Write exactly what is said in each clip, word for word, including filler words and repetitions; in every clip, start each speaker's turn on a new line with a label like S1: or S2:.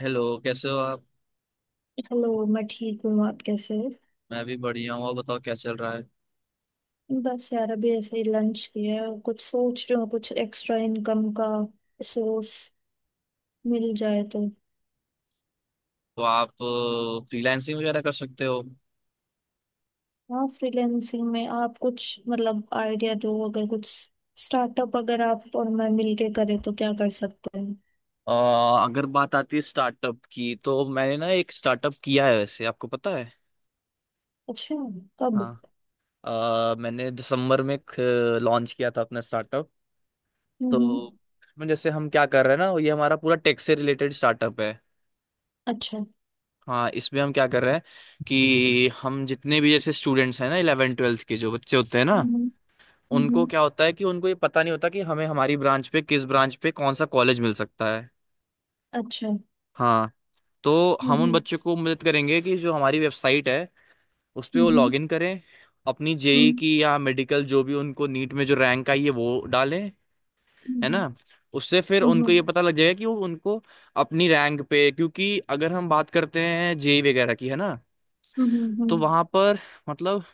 S1: Hello कैसे हो आप।
S2: हेलो। मैं ठीक हूँ। आप कैसे हो?
S1: मैं भी बढ़िया हूँ। और बताओ क्या चल रहा है।
S2: बस यार, अभी ऐसे ही लंच किया है और कुछ सोच रही हूँ कुछ एक्स्ट्रा इनकम का सोर्स मिल जाए तो।
S1: तो आप फ्रीलांसिंग वगैरह कर सकते हो।
S2: हाँ, फ्रीलैंसिंग में आप कुछ मतलब आइडिया दो, अगर कुछ स्टार्टअप अगर आप और मैं मिलके करें तो क्या कर सकते हैं?
S1: अ, अगर बात आती है स्टार्टअप की तो मैंने ना एक स्टार्टअप किया है, वैसे आपको पता है।
S2: अच्छा।
S1: हाँ।
S2: कब?
S1: अ, मैंने दिसंबर में लॉन्च किया था अपना स्टार्टअप।
S2: हम्म।
S1: तो इसमें जैसे हम क्या कर रहे हैं ना, ये हमारा पूरा टेक से रिलेटेड स्टार्टअप है।
S2: अच्छा।
S1: हाँ, इसमें हम क्या कर रहे हैं कि हम जितने भी जैसे स्टूडेंट्स हैं ना, इलेवन ट्वेल्थ के जो बच्चे होते हैं ना,
S2: हम्म। हम्म।
S1: उनको क्या होता है कि उनको ये पता नहीं होता कि हमें हमारी ब्रांच पे किस ब्रांच पे कौन सा कॉलेज मिल सकता है।
S2: अच्छा।
S1: हाँ, तो
S2: हम्म।
S1: हम उन
S2: हम्म।
S1: बच्चों को मदद करेंगे कि जो हमारी वेबसाइट है उस पे वो
S2: हम्म।
S1: लॉगिन करें, अपनी जेई
S2: हम्म।
S1: की या मेडिकल जो भी उनको नीट में जो रैंक आई है वो डालें, है
S2: हम्म।
S1: ना। उससे फिर उनको ये
S2: हम्म।
S1: पता लग जाएगा कि वो उनको अपनी रैंक पे, क्योंकि अगर हम बात करते हैं जेई वगैरह की, है ना,
S2: हम्म,
S1: तो
S2: हम्म,
S1: वहां पर मतलब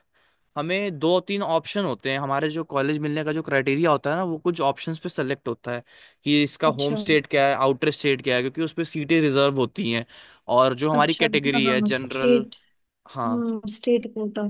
S1: हमें दो तीन ऑप्शन होते हैं, हमारे जो कॉलेज मिलने का जो क्राइटेरिया होता है ना, वो कुछ ऑप्शंस पे सेलेक्ट होता है कि इसका होम
S2: अच्छा।
S1: स्टेट क्या है, आउटर स्टेट क्या है, क्योंकि उस पे सीटें रिजर्व होती हैं। और जो हमारी
S2: अच्छा।
S1: कैटेगरी है
S2: हाँ,
S1: जनरल।
S2: स्टेट।
S1: हाँ।
S2: हम्म, स्टेट कोटा।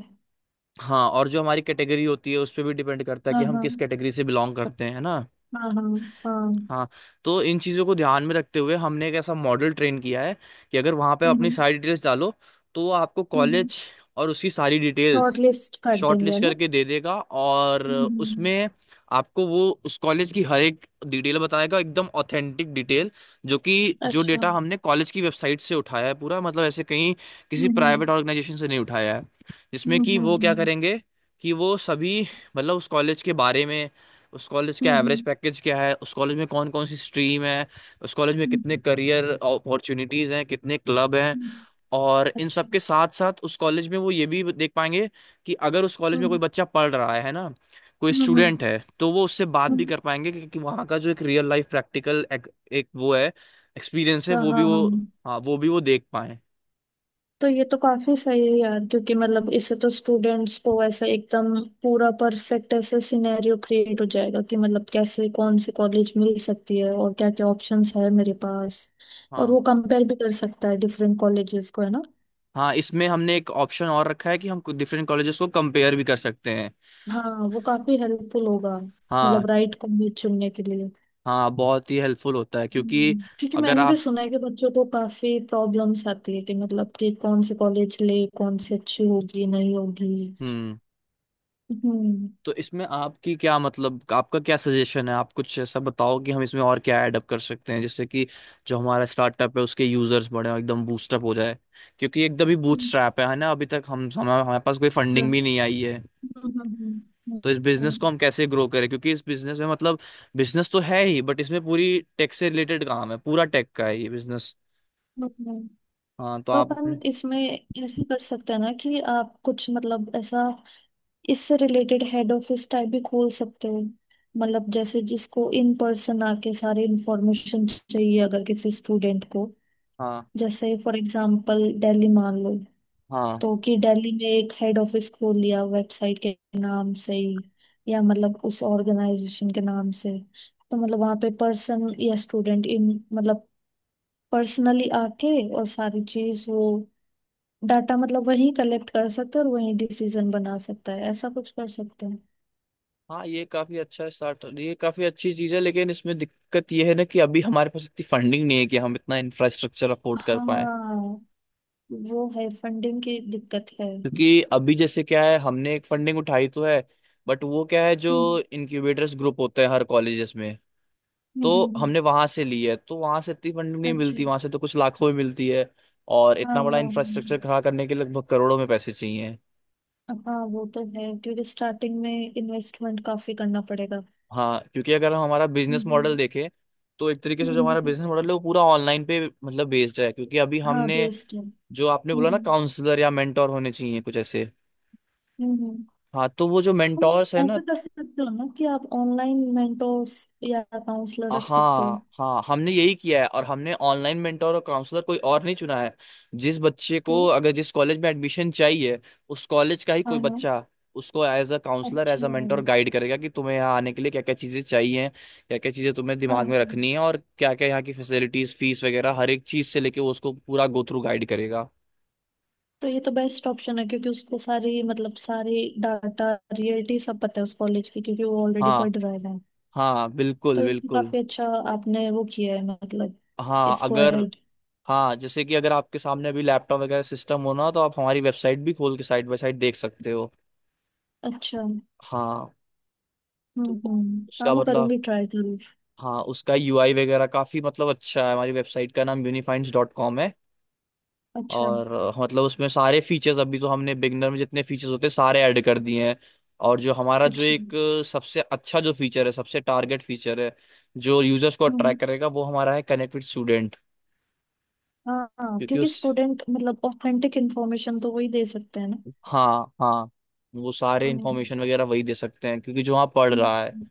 S1: हाँ, और जो हमारी कैटेगरी होती है उस पे भी डिपेंड करता है कि
S2: हाँ
S1: हम
S2: हाँ।
S1: किस कैटेगरी से बिलोंग करते हैं, है ना।
S2: हाँ हाँ। हाँ।
S1: हाँ, तो इन चीज़ों को ध्यान में रखते हुए हमने एक ऐसा मॉडल ट्रेन किया है कि अगर वहाँ पे अपनी
S2: हम्म।
S1: सारी डिटेल्स डालो, तो वो आपको
S2: हम्म।
S1: कॉलेज और उसकी सारी डिटेल्स
S2: शॉर्ट लिस्ट कर देंगे, है
S1: शॉर्टलिस्ट
S2: ना?
S1: करके दे देगा। और
S2: हम्म।
S1: उसमें आपको वो उस कॉलेज की हर एक डिटेल बताएगा, एकदम ऑथेंटिक डिटेल, जो कि जो
S2: अच्छा।
S1: डेटा हमने कॉलेज की वेबसाइट से उठाया है पूरा, मतलब ऐसे कहीं किसी
S2: हम्म।
S1: प्राइवेट ऑर्गेनाइजेशन से नहीं उठाया है। जिसमें
S2: हम्म। हम्म।
S1: कि
S2: हम्म।
S1: वो क्या
S2: हम्म,
S1: करेंगे कि वो सभी, मतलब उस कॉलेज के बारे में, उस कॉलेज का एवरेज
S2: हम्म,
S1: पैकेज क्या है, उस कॉलेज में कौन कौन सी स्ट्रीम है, उस कॉलेज में
S2: हम्म,
S1: कितने
S2: हम्म,
S1: करियर अपॉर्चुनिटीज हैं, कितने क्लब हैं।
S2: हम्म,
S1: और इन
S2: अच्छा।
S1: सब के साथ साथ उस कॉलेज में वो ये भी देख पाएंगे कि अगर उस कॉलेज में कोई
S2: हम्म।
S1: बच्चा पढ़ रहा है है ना, कोई
S2: हम्म।
S1: स्टूडेंट है, तो वो उससे बात भी
S2: हम्म,
S1: कर पाएंगे। क्योंकि वहाँ का जो एक रियल लाइफ प्रैक्टिकल एक, एक वो है, एक्सपीरियंस है,
S2: अच्छा।
S1: वो भी
S2: हाँ
S1: वो,
S2: हाँ।
S1: हाँ वो भी वो देख पाए।
S2: तो ये तो काफी सही है यार, क्योंकि मतलब इससे तो स्टूडेंट्स को ऐसा एकदम पूरा परफेक्ट ऐसा सिनेरियो क्रिएट हो जाएगा कि मतलब कैसे कौन सी कॉलेज मिल सकती है और क्या क्या ऑप्शंस है मेरे पास। और
S1: हाँ,
S2: वो कंपेयर भी कर सकता है डिफरेंट कॉलेजेस को, है ना?
S1: हाँ इसमें हमने एक ऑप्शन और रखा है कि हम डिफरेंट कॉलेजेस को कंपेयर भी कर सकते हैं।
S2: हाँ, वो काफी हेल्पफुल होगा। मतलब
S1: हाँ।
S2: राइट कॉलेज चुनने के लिए।
S1: हाँ, बहुत ही हेल्पफुल होता है क्योंकि
S2: हम्म, क्योंकि
S1: अगर
S2: मैंने भी
S1: आप।
S2: सुना है कि बच्चों को काफी प्रॉब्लम्स आती है कि मतलब कि कौन से कॉलेज ले, कौन सी अच्छी होगी नहीं होगी।
S1: हम्म। तो इसमें आपकी क्या, मतलब आपका क्या सजेशन है, आप कुछ ऐसा बताओ कि हम इसमें और क्या ऐड अप कर सकते हैं, जिससे कि जो हमारा स्टार्टअप है उसके यूजर्स बढ़े और एकदम बूस्टअप हो जाए। क्योंकि एकदम ही
S2: हम्म।
S1: बूटस्ट्रैप है है ना, अभी तक हम हमारे हमारे पास कोई फंडिंग भी नहीं आई है।
S2: हम्म। हम्म, हम्म,
S1: तो इस बिजनेस को
S2: हम्म,
S1: हम कैसे ग्रो करें, क्योंकि इस बिजनेस में मतलब बिजनेस तो है ही, बट इसमें पूरी टेक से रिलेटेड काम है, पूरा टेक का है ये बिजनेस।
S2: हम्म।
S1: हाँ तो
S2: तो
S1: आप अपने।
S2: अपन इसमें ऐसे कर सकते हैं ना कि आप कुछ मतलब ऐसा इससे रिलेटेड हेड ऑफिस टाइप भी खोल सकते हो। मतलब जैसे जिसको इन पर्सन आके सारी इंफॉर्मेशन चाहिए अगर किसी स्टूडेंट को,
S1: हाँ
S2: जैसे फॉर एग्जांपल दिल्ली मान लो।
S1: हाँ।
S2: तो कि दिल्ली में एक हेड ऑफिस खोल लिया वेबसाइट के नाम से ही, या मतलब उस ऑर्गेनाइजेशन के नाम से। तो मतलब वहाँ पे पर्सन या स्टूडेंट इन मतलब पर्सनली आके और सारी चीज वो डाटा मतलब वही कलेक्ट कर सकते हैं और वही डिसीजन बना सकता है, ऐसा कुछ कर सकते हैं।
S1: हाँ, ये काफी अच्छा स्टार्ट, ये काफी अच्छी चीज है, लेकिन इसमें दिक्कत ये है ना कि अभी हमारे पास इतनी फंडिंग नहीं है कि हम इतना इंफ्रास्ट्रक्चर अफोर्ड कर पाए।
S2: हाँ, वो है फंडिंग की दिक्कत है।
S1: क्योंकि अभी जैसे क्या है, हमने एक फंडिंग उठाई तो है, बट वो क्या है जो
S2: हम्म।
S1: इनक्यूबेटर्स ग्रुप होते हैं हर कॉलेजेस में,
S2: हम्म,
S1: तो
S2: हम्म,
S1: हमने वहां से ली है। तो वहां से इतनी फंडिंग नहीं
S2: अच्छा।
S1: मिलती, वहां से तो कुछ लाखों में मिलती है। और
S2: हाँ
S1: इतना बड़ा
S2: हाँ।
S1: इंफ्रास्ट्रक्चर खड़ा करने के लिए लगभग करोड़ों में पैसे चाहिए।
S2: हाँ हाँ, वो तो है, क्योंकि स्टार्टिंग में इन्वेस्टमेंट काफी करना पड़ेगा।
S1: हाँ, क्योंकि अगर हम हमारा बिजनेस मॉडल
S2: हम्म।
S1: देखें, तो एक तरीके से जो हमारा
S2: हम्म,
S1: बिजनेस मॉडल है वो पूरा ऑनलाइन पे मतलब बेस्ड है। क्योंकि अभी
S2: हाँ
S1: हमने
S2: बेस्ट है।
S1: जो आपने बोला ना
S2: हम्म।
S1: काउंसलर या मेंटोर होने चाहिए कुछ ऐसे।
S2: हम्म।
S1: हाँ, तो वो जो मेंटोर्स है
S2: हम्म।
S1: ना।
S2: ऐसा कर सकते हो ना कि आप ऑनलाइन मेंटोर्स या काउंसलर रख सकते हो।
S1: हाँ हाँ, हमने यही किया है। और हमने ऑनलाइन मेंटोर और काउंसलर कोई और नहीं चुना है। जिस बच्चे
S2: तो
S1: को अगर जिस कॉलेज में एडमिशन चाहिए, उस कॉलेज का ही
S2: हाँ
S1: कोई
S2: हाँ।
S1: बच्चा उसको एज अ काउंसलर एज
S2: अच्छा।
S1: अ मेंटोर गाइड करेगा कि तुम्हें यहाँ आने के लिए क्या क्या चीज़ें चाहिए, क्या क्या चीज़ें तुम्हें
S2: हाँ।
S1: दिमाग में रखनी है, और क्या क्या यहाँ की फैसिलिटीज फीस वगैरह, हर एक चीज़ से लेके वो उसको पूरा गो थ्रू गाइड करेगा।
S2: तो ये तो बेस्ट ऑप्शन है क्योंकि उसको सारी मतलब सारी डाटा रियलिटी सब पता है उस कॉलेज की, क्योंकि वो ऑलरेडी पढ़
S1: हाँ,
S2: रहा है।
S1: हाँ
S2: तो
S1: बिल्कुल
S2: ये तो
S1: बिल्कुल।
S2: काफी अच्छा, आपने वो किया है मतलब,
S1: हाँ
S2: इसको
S1: अगर।
S2: ऐड।
S1: हाँ, जैसे कि अगर आपके सामने अभी लैपटॉप वगैरह सिस्टम हो ना, तो आप हमारी वेबसाइट भी खोल के साइड बाय साइड देख सकते हो।
S2: अच्छा। हम्म।
S1: हाँ, तो
S2: हम्म, हाँ,
S1: उसका
S2: मैं
S1: मतलब,
S2: करूंगी ट्राई जरूर।
S1: हाँ उसका यूआई वगैरह काफी मतलब अच्छा है। हमारी वेबसाइट का नाम यूनिफाइंड्स डॉट कॉम है।
S2: अच्छा।
S1: और अ, मतलब उसमें सारे फीचर्स अभी तो हमने बिगनर में जितने फीचर्स होते हैं सारे ऐड कर दिए हैं। और जो हमारा जो
S2: अच्छा।
S1: एक अ, सबसे अच्छा जो फीचर है, सबसे टारगेट फीचर है, जो यूजर्स को
S2: हम्म।
S1: अट्रैक्ट करेगा, वो हमारा है कनेक्ट विद स्टूडेंट।
S2: हाँ हाँ,
S1: क्योंकि
S2: क्योंकि
S1: उस,
S2: स्टूडेंट मतलब ऑथेंटिक इन्फॉर्मेशन तो वही दे सकते हैं ना।
S1: हाँ हाँ, वो सारे
S2: हम्म।
S1: इंफॉर्मेशन वगैरह वही दे सकते हैं क्योंकि जो वहाँ पढ़
S2: हम्म,
S1: रहा है।
S2: हम्म।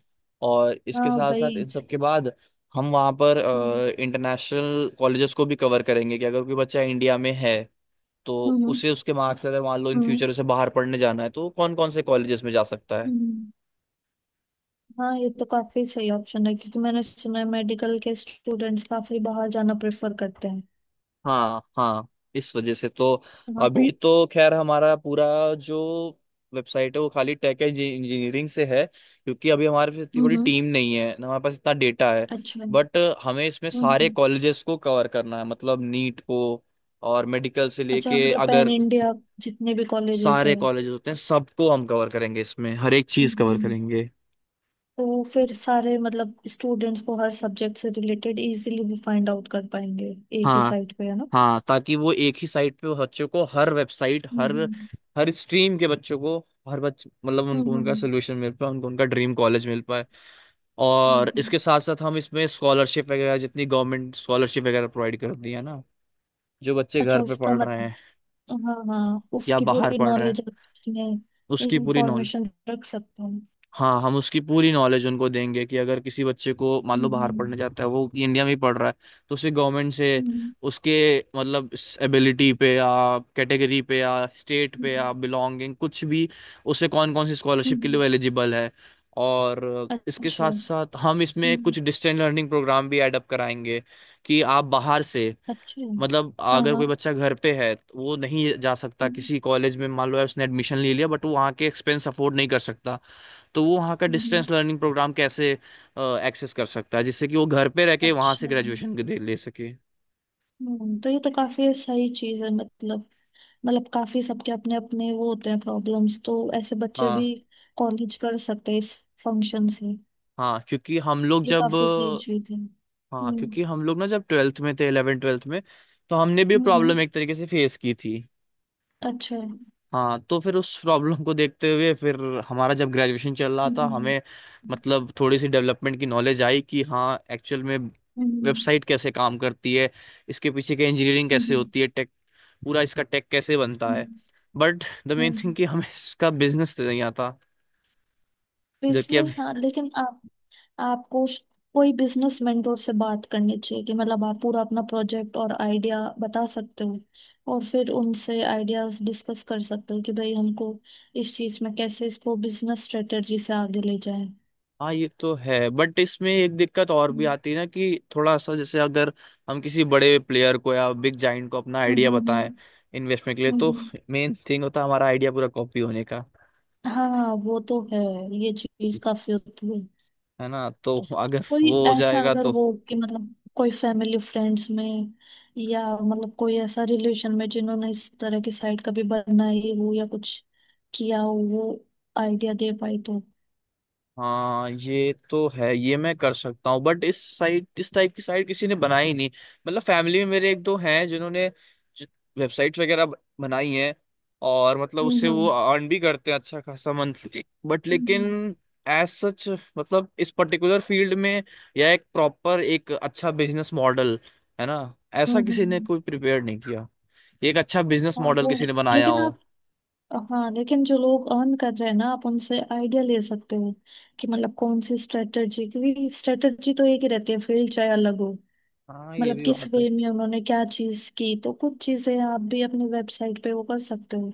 S1: और इसके
S2: हाँ
S1: साथ साथ इन
S2: भाई।
S1: सब के बाद हम वहाँ पर
S2: हम्म।
S1: इंटरनेशनल कॉलेजेस को भी कवर करेंगे कि अगर कोई बच्चा इंडिया में है, तो
S2: हम्म। हम्म।
S1: उसे उसके मार्क्स अगर मान लो इन
S2: हम्म।
S1: फ्यूचर उसे बाहर पढ़ने जाना है, तो कौन कौन से कॉलेजेस में जा सकता है।
S2: हम्म। हाँ, ये तो काफी सही ऑप्शन है, क्योंकि मैंने सुना है मेडिकल के स्टूडेंट्स काफी बाहर जाना प्रेफर करते हैं।
S1: हाँ हाँ, इस वजह से तो
S2: हाँ तो।
S1: अभी तो खैर हमारा पूरा जो वेबसाइट है वो खाली टेक इंजीनियरिंग से है, क्योंकि अभी हमारे पास इतनी बड़ी
S2: हम्म।
S1: टीम नहीं है ना, हमारे पास इतना डेटा है।
S2: अच्छा।
S1: बट हमें इसमें सारे
S2: हम्म।
S1: कॉलेजेस को कवर करना है, मतलब नीट को और मेडिकल से
S2: अच्छा,
S1: लेके
S2: मतलब पैन
S1: अगर
S2: इंडिया जितने भी कॉलेजेस
S1: सारे
S2: हैं।
S1: कॉलेजेस होते हैं सबको हम कवर करेंगे, इसमें हर एक चीज कवर
S2: हम्म।
S1: करेंगे।
S2: तो फिर सारे मतलब स्टूडेंट्स को हर सब्जेक्ट से रिलेटेड इजीली वो फाइंड आउट कर पाएंगे एक ही
S1: हाँ,
S2: साइट पे, है ना?
S1: हाँ ताकि वो एक ही साइट पे बच्चों को हर वेबसाइट, हर
S2: हम्म।
S1: हर स्ट्रीम के बच्चों को, हर बच्चे, मतलब उनको
S2: हम्म।
S1: उनका
S2: हम्म।
S1: सोल्यूशन मिल पाए, उनको उनका ड्रीम कॉलेज मिल पाए। और
S2: हम्म।
S1: इसके साथ साथ हम इसमें स्कॉलरशिप वगैरह जितनी गवर्नमेंट स्कॉलरशिप वगैरह प्रोवाइड कर दी, है ना, जो बच्चे
S2: अच्छा,
S1: घर पे
S2: उसका
S1: पढ़ रहे
S2: मतलब।
S1: हैं
S2: हाँ हाँ,
S1: या
S2: उसकी
S1: बाहर
S2: पूरी
S1: पढ़ रहे हैं,
S2: नॉलेज अपने
S1: उसकी पूरी नॉलेज।
S2: इंफॉर्मेशन रख सकते हैं।
S1: हाँ, हम उसकी पूरी नॉलेज उनको देंगे कि अगर किसी बच्चे को मान लो
S2: हम्म।
S1: बाहर
S2: हम्म,
S1: पढ़ने जाता है, वो इंडिया में ही पढ़ रहा है, तो उसे गवर्नमेंट से
S2: हम्म।
S1: उसके मतलब एबिलिटी पे या कैटेगरी पे या स्टेट पे या
S2: हम्म,
S1: बिलोंगिंग कुछ भी, उसे कौन कौन सी स्कॉलरशिप के
S2: हम्म,
S1: लिए एलिजिबल है। और इसके
S2: अच्छा।
S1: साथ साथ हम इसमें
S2: हम्म,
S1: कुछ डिस्टेंस लर्निंग प्रोग्राम भी ऐड अप कराएंगे कि आप बाहर से,
S2: अच्छा।
S1: मतलब
S2: हाँ
S1: अगर कोई
S2: हाँ।
S1: बच्चा घर पे है तो वो नहीं जा सकता
S2: हम्म,
S1: किसी कॉलेज में, मान लो है उसने एडमिशन ले लिया बट वो वहाँ के एक्सपेंस अफोर्ड नहीं कर सकता, तो वो वहाँ का
S2: हम्म,
S1: डिस्टेंस लर्निंग प्रोग्राम कैसे एक्सेस कर सकता है, जिससे कि वो घर पे रह के वहाँ से
S2: अच्छा।
S1: ग्रेजुएशन दे ले सके।
S2: हम्म, तो ये तो काफी सही चीज है, मतलब मतलब काफी सबके अपने अपने वो होते हैं प्रॉब्लम्स, तो ऐसे बच्चे भी
S1: हाँ।
S2: कॉलेज कर सकते हैं इस फंक्शन से।
S1: हाँ क्योंकि हम लोग
S2: ये
S1: जब,
S2: काफी सही चीज है।
S1: हाँ
S2: हम्म।
S1: क्योंकि हम लोग ना जब ट्वेल्थ में थे, इलेवन ट्वेल्थ में, तो हमने भी
S2: हम्म,
S1: प्रॉब्लम एक तरीके से फेस की थी।
S2: अच्छा।
S1: हाँ, तो फिर उस प्रॉब्लम को देखते हुए फिर हमारा जब ग्रेजुएशन चल रहा था,
S2: हम्म।
S1: हमें मतलब थोड़ी सी डेवलपमेंट की नॉलेज आई कि हाँ एक्चुअल में
S2: हम्म।
S1: वेबसाइट कैसे काम करती है, इसके पीछे की इंजीनियरिंग कैसे
S2: हम्म।
S1: होती है, पूरा इसका टेक कैसे बनता है। बट द मेन थिंग
S2: हम्म,
S1: कि हमें इसका बिजनेस नहीं आता। जबकि अब,
S2: बिजनेस हाँ, लेकिन आपको उस- कोई बिजनेस मेंटोर से बात करनी चाहिए कि मतलब आप पूरा अपना प्रोजेक्ट और आइडिया बता सकते हो, और फिर उनसे आइडियाज डिस्कस कर सकते हो कि भाई हमको इस चीज में कैसे इसको बिजनेस स्ट्रेटेजी से आगे ले जाए।
S1: हाँ ये तो है, बट इसमें एक दिक्कत और भी
S2: हम्म।
S1: आती है ना कि थोड़ा सा जैसे अगर हम किसी बड़े प्लेयर को या बिग जाइंट को अपना
S2: हम्म।
S1: आइडिया बताएं
S2: हम्म।
S1: इन्वेस्टमेंट के लिए,
S2: हम्म,
S1: तो
S2: हम्म।
S1: मेन थिंग होता है हमारा आइडिया पूरा कॉपी होने का।
S2: हाँ, वो तो है, ये चीज काफी होती है।
S1: है ना, तो अगर
S2: कोई
S1: वो हो
S2: ऐसा
S1: जाएगा
S2: अगर
S1: तो।
S2: हो कि मतलब कोई फैमिली फ्रेंड्स में या मतलब कोई ऐसा रिलेशन में जिन्होंने इस तरह की साइट कभी बनाई हो या कुछ किया हो, वो आइडिया दे पाई तो।
S1: हाँ ये तो है, ये मैं कर सकता हूँ, बट इस साइट इस टाइप की साइट किसी ने बनाई नहीं। मतलब फैमिली में मेरे एक दो हैं जिन्होंने वेबसाइट वगैरह ब- बनाई हैं, और मतलब उससे
S2: हम्म।
S1: वो
S2: हम्म।
S1: अर्न भी करते हैं अच्छा खासा मंथली बट।
S2: हम्म।
S1: लेकिन एज सच मतलब इस पर्टिकुलर फील्ड में या एक प्रॉपर एक अच्छा बिजनेस मॉडल, है ना, ऐसा
S2: हम्म,
S1: किसी ने
S2: हम्म।
S1: कोई प्रिपेयर नहीं किया, एक अच्छा बिजनेस
S2: हाँ,
S1: मॉडल
S2: वो है।
S1: किसी ने बनाया
S2: लेकिन
S1: हो।
S2: आप हाँ, लेकिन जो लोग अर्न कर रहे हैं ना, आप उनसे आइडिया ले सकते हो कि मतलब कौन सी स्ट्रेटजी, क्योंकि स्ट्रेटजी तो एक ही रहती है, फील्ड चाहे अलग हो।
S1: हाँ ये
S2: मतलब
S1: भी
S2: किस
S1: बात है।
S2: वे में उन्होंने क्या चीज की, तो कुछ चीजें आप भी अपनी वेबसाइट पे वो कर सकते हो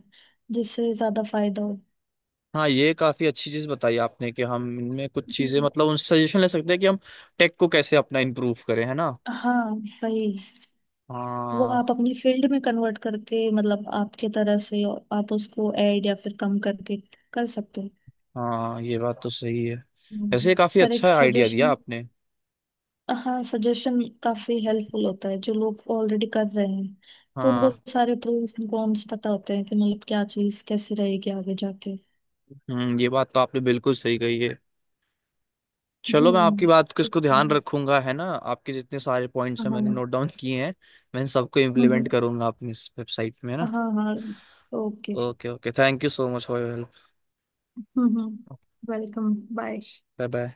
S2: जिससे ज्यादा फायदा हो।
S1: हाँ ये काफी अच्छी चीज बताई आपने कि हम इनमें कुछ चीजें,
S2: हम्म।
S1: मतलब उनसे सजेशन ले सकते हैं कि हम टेक को कैसे अपना इम्प्रूव करें, है ना।
S2: हाँ वही। वो
S1: हाँ।
S2: आप अपनी फील्ड में कन्वर्ट करके मतलब आपके तरह से, और आप उसको ऐड या फिर कम करके कर सकते हो।
S1: हाँ ये बात तो सही है। वैसे ये
S2: हम्म।
S1: काफी
S2: पर एक
S1: अच्छा आइडिया दिया
S2: सजेशन।
S1: आपने।
S2: हाँ, सजेशन काफी हेल्पफुल होता है, जो लोग ऑलरेडी कर रहे हैं तो उनको
S1: हाँ।
S2: सारे प्रोस एंड कॉन्स पता होते हैं कि मतलब क्या चीज कैसी रहेगी आगे जाके।
S1: हम्म, ये बात तो आपने बिल्कुल सही कही है। चलो मैं आपकी
S2: हम्म।
S1: बात को इसको
S2: एक-
S1: ध्यान रखूंगा, है ना, आपके जितने सारे पॉइंट्स हैं मैंने
S2: हाँ।
S1: नोट डाउन किए हैं। मैं इन सबको इम्प्लीमेंट
S2: हम्म।
S1: करूंगा अपनी इस वेबसाइट में, है ना।
S2: हाँ हाँ। Okay.
S1: Okay okay, thank you so much for your help.
S2: Hmm. Welcome, bye.
S1: Bye bye.